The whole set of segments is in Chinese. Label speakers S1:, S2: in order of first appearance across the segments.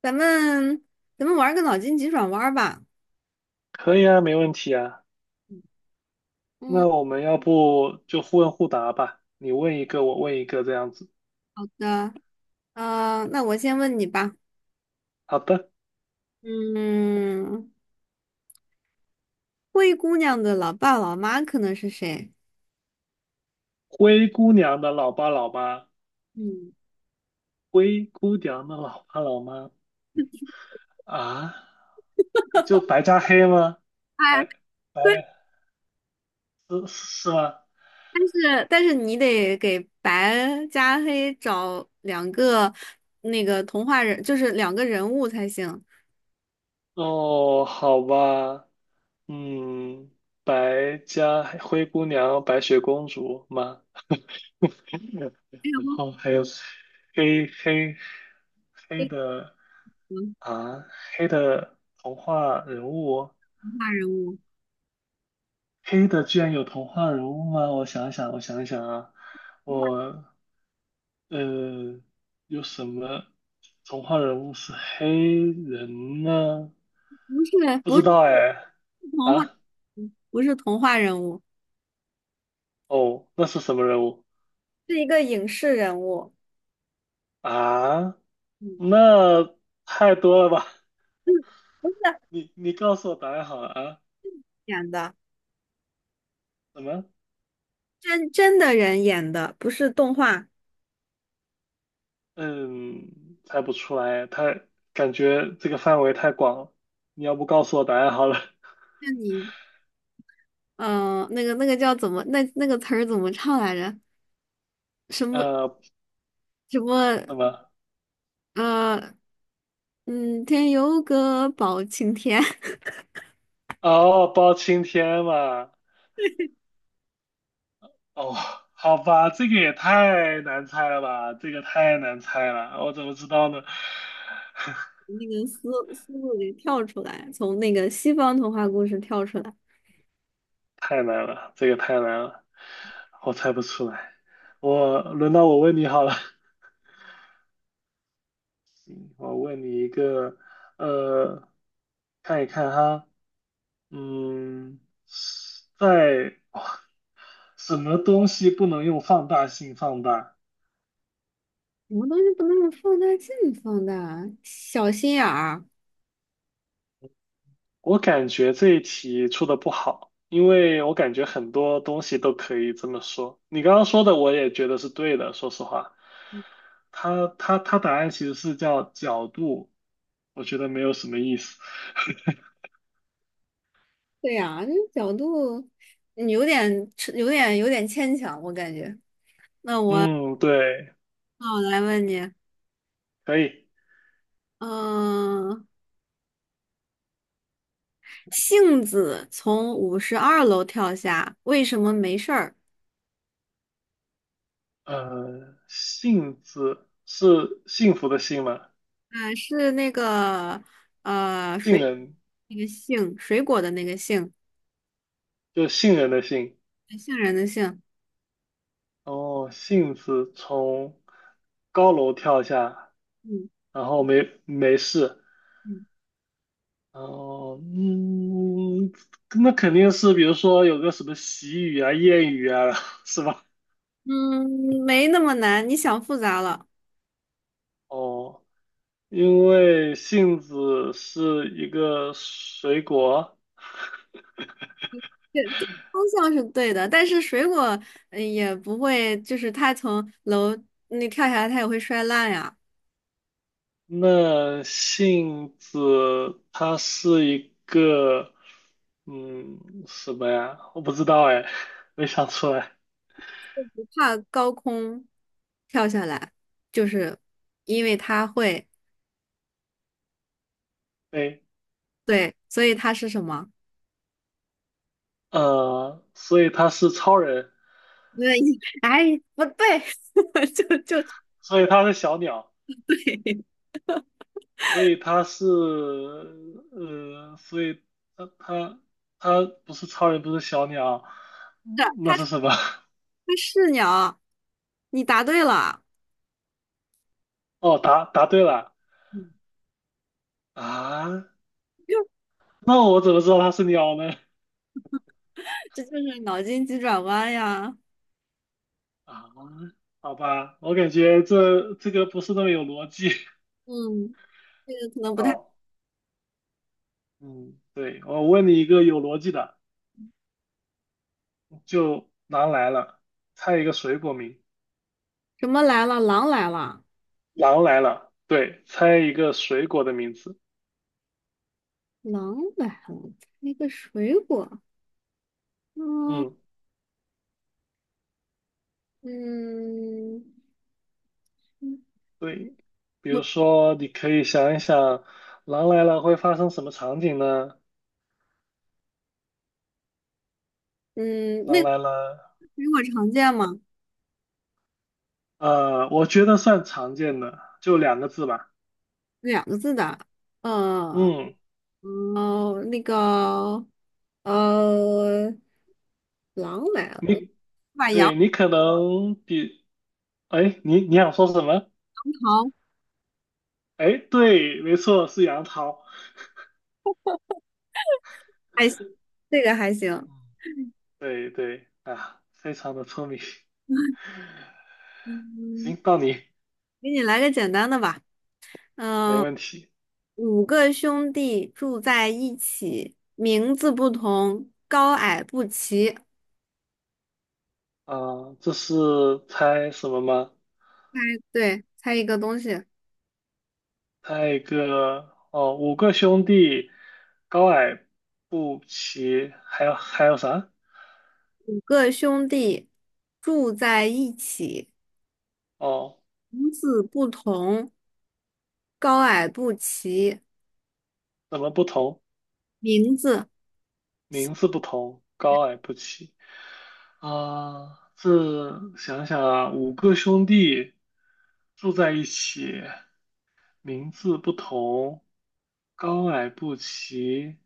S1: 咱们咱们玩个脑筋急转弯儿吧。
S2: 可以啊，没问题啊。那
S1: 嗯
S2: 我们要不就互问互答吧，你问一个，我问一个，这样子。
S1: 好的，那我先问你吧。
S2: 好的，
S1: 嗯，灰姑娘的老爸老妈可能是谁？
S2: 灰姑娘的老爸老妈，
S1: 嗯，
S2: 灰姑娘的老爸老妈啊，就白加黑吗？
S1: 哎，
S2: 白
S1: 对，
S2: 白是是吗？
S1: 但是你得给白加黑找两个那个童话人，就是两个人物才行。
S2: 哦，好吧，嗯，白加黑灰姑娘、白雪公主吗？
S1: 哎呀，
S2: 然后
S1: 忘
S2: 还有黑黑
S1: 记
S2: 的。
S1: 了，
S2: 啊，黑的童话人物，
S1: 童话人物
S2: 黑的居然有童话人物吗？我想想，我想想啊，我呃，有什么童话人物是黑人呢？
S1: 不是，
S2: 不
S1: 不
S2: 知
S1: 是
S2: 道哎，
S1: 童话，
S2: 啊，
S1: 不是童话人物，
S2: 哦，那是什么人物
S1: 是一个影视人物。
S2: 啊？
S1: 嗯，
S2: 那太多了吧？
S1: 嗯，不是。
S2: 你告诉我答案好了啊？
S1: 演的，
S2: 什么？
S1: 真的人演的，不是动画。
S2: 嗯，猜不出来，感觉这个范围太广了。你要不告诉我答案好了？
S1: 那你，嗯、那个叫怎么，那个词儿怎么唱来着？什么
S2: 呃，
S1: 什么，
S2: 什么？
S1: 呃，天有个包青天，
S2: 哦，包青天嘛。哦，好吧，这个也太难猜了吧，这个太难猜了，我怎么知道呢？
S1: 那个思路给跳出来，从那个西方童话故事跳出来。
S2: 太难了，这个太难了，我猜不出来。轮到我问你好了，我问你一个，呃，看一看哈，嗯，在，哇什么东西不能用放大镜放大？
S1: 什么东西不能放大镜放大？小心眼儿。
S2: 我感觉这一题出的不好，因为我感觉很多东西都可以这么说。你刚刚说的我也觉得是对的，说实话，它答案其实是叫角度，我觉得没有什么意思。
S1: 对呀、这角度，有点牵强，我感觉。
S2: 嗯，对，
S1: 那我来问你，
S2: 可以。
S1: 嗯、杏子从52楼跳下，为什么没事儿？
S2: 呃，幸字是幸福的幸吗？
S1: 是那个呃
S2: 杏
S1: 水
S2: 仁
S1: 那个杏，水果的那个杏，
S2: 就杏仁的杏。
S1: 杏仁的杏。
S2: 哦，杏子从高楼跳下，
S1: 嗯
S2: 然后没事。
S1: 嗯
S2: 哦，嗯，那肯定是，比如说有个什么习语啊、谚语啊，是吧？
S1: 嗯，没那么难，你想复杂了。
S2: 哦，因为杏子是一个水果，
S1: 这对方向是对的，但是水果也不会，就是它从楼那跳下来，它也会摔烂呀。
S2: 那杏子它是一个，嗯，什么呀？我不知道哎，没想出来。
S1: 不怕高空跳下来，就是因为它会，
S2: 对，
S1: 对，所以它是什么？
S2: 呃，所以它是超人，
S1: 那，哎，不对，就
S2: 所以它是小鸟。
S1: 对，是
S2: 所以他是呃，所以他他不是超人，不是小鸟，
S1: 它
S2: 嗯那是什么？
S1: 是鸟，你答对了，
S2: 哦，答对了
S1: 嗯
S2: 啊！那我怎么知道他是鸟呢？
S1: 这就是脑筋急转弯呀。
S2: 啊，好吧，我感觉这个不是那么有逻辑。
S1: 嗯，这个可能 不太，
S2: 好，嗯，对，我问你一个有逻辑的，就狼来了，猜一个水果名。
S1: 什么来了，狼来了，
S2: 狼来了，对，猜一个水果的名字。
S1: 狼来了，那个水果，嗯
S2: 嗯。
S1: 嗯，
S2: 对，比
S1: 我
S2: 如说，你可以想一想，狼来了会发生什么场景呢？
S1: 嗯，
S2: 狼
S1: 那个
S2: 来了，
S1: 水果常见吗？
S2: 呃，我觉得算常见的，就两个字吧。
S1: 两个字的，呃
S2: 嗯，
S1: 哦，那个呃，狼来了，
S2: 你，
S1: 把杨。
S2: 对，你可能比，哎，你想说什么？哎，对，没错，是杨桃。
S1: 还行，这个还行。
S2: 嗯，对对，啊，非常的聪明。行，
S1: 嗯，
S2: 到你，
S1: 给你来个简单的吧。
S2: 没
S1: 嗯，
S2: 问题。
S1: 五个兄弟住在一起，名字不同，高矮不齐。
S2: 啊、这是猜什么吗？
S1: 猜，对，猜一个东西。
S2: 一个哦，五个兄弟，高矮不齐，还有还有啥？
S1: 五个兄弟住在一起，
S2: 哦，
S1: 名字不同，高矮不齐。
S2: 怎么不同？
S1: 名字，
S2: 名字不同，高矮不齐。啊、这想想啊，五个兄弟住在一起，名字不同，高矮不齐，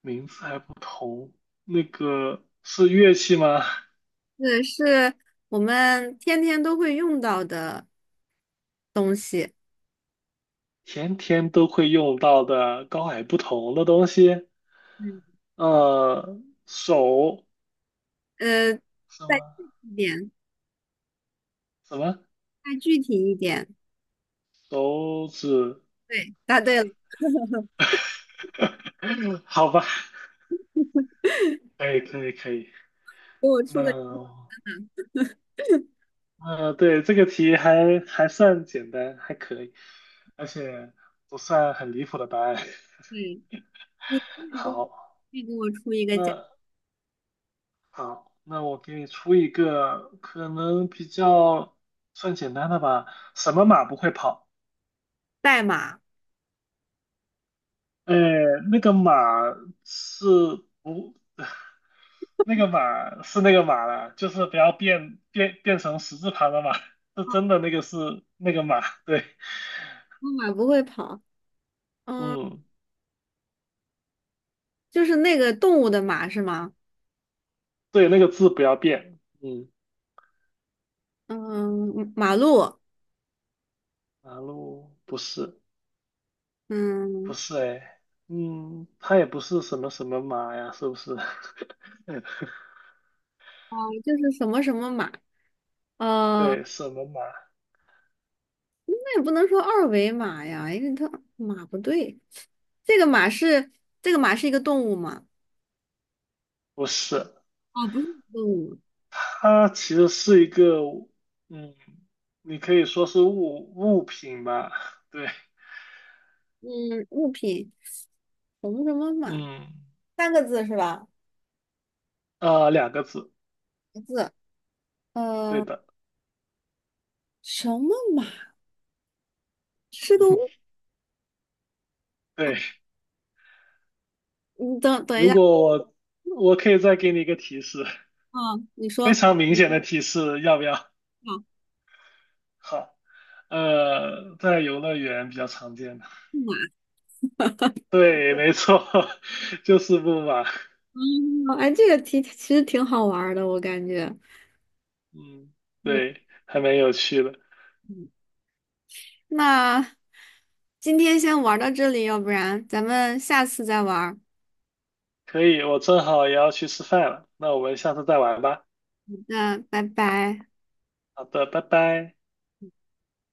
S2: 名字还不同。那个是乐器吗？
S1: 这是我们天天都会用到的东西。
S2: 天天都会用到的高矮不同的东西。
S1: 嗯，
S2: 呃，手
S1: 呃，
S2: 什么
S1: 再具体一点，
S2: 什么
S1: 再具体一点。
S2: 手指？
S1: 对，答对了，
S2: 好吧，可以可以可以。
S1: 给我出个，
S2: 那 呃，对，这个题还算简单，还可以，而且不算很离谱的答案。
S1: 嗯，你
S2: 好，
S1: 给我出一个
S2: 那好，那我给你出一个可能比较算简单的吧。什么马不会跑？
S1: 代码，
S2: 哎，那个马是不，那个马是那个马了，就是不要变成十字旁的马，是真的那个是那个马，对，
S1: 我，马不会跑，嗯，
S2: 嗯，
S1: 就是那个动物的马是吗？
S2: 对，那个字不要变，嗯，
S1: 嗯，马路，
S2: 马路不
S1: 嗯，
S2: 是哎，嗯，它也不是什么什么马呀，是不是？
S1: 哦，就是什么什么马，呃，
S2: 对，什么马？
S1: 那也不能说二维码呀，因为它马不对，这个马是这个马是一个动物吗？
S2: 不是，
S1: 哦，不是动物，
S2: 它其实是一个，嗯，你可以说是物品吧，对。
S1: 嗯，物品什么什么马，
S2: 嗯，
S1: 三个字是吧？
S2: 啊，两个字，
S1: 一个字，
S2: 对
S1: 呃，
S2: 的，
S1: 什么马是个物？哦，
S2: 对。
S1: 你等等一
S2: 如
S1: 下，
S2: 果我可以再给你一个提示，
S1: 啊！你说，
S2: 非
S1: 好，
S2: 常明显的提示，要不要？
S1: 嗯啊，
S2: 好，呃，在游乐园比较常见的，
S1: 木
S2: 对，没错，就是木马。
S1: 马哦，哎，这个题其实挺好玩儿的，我感觉。
S2: 嗯，
S1: 嗯，
S2: 对，还蛮有趣的。
S1: 嗯那今天先玩到这里，要不然咱们下次再玩儿，
S2: 可以，我正好也要去吃饭了，那我们下次再玩吧。
S1: 那拜拜。
S2: 好的，拜拜。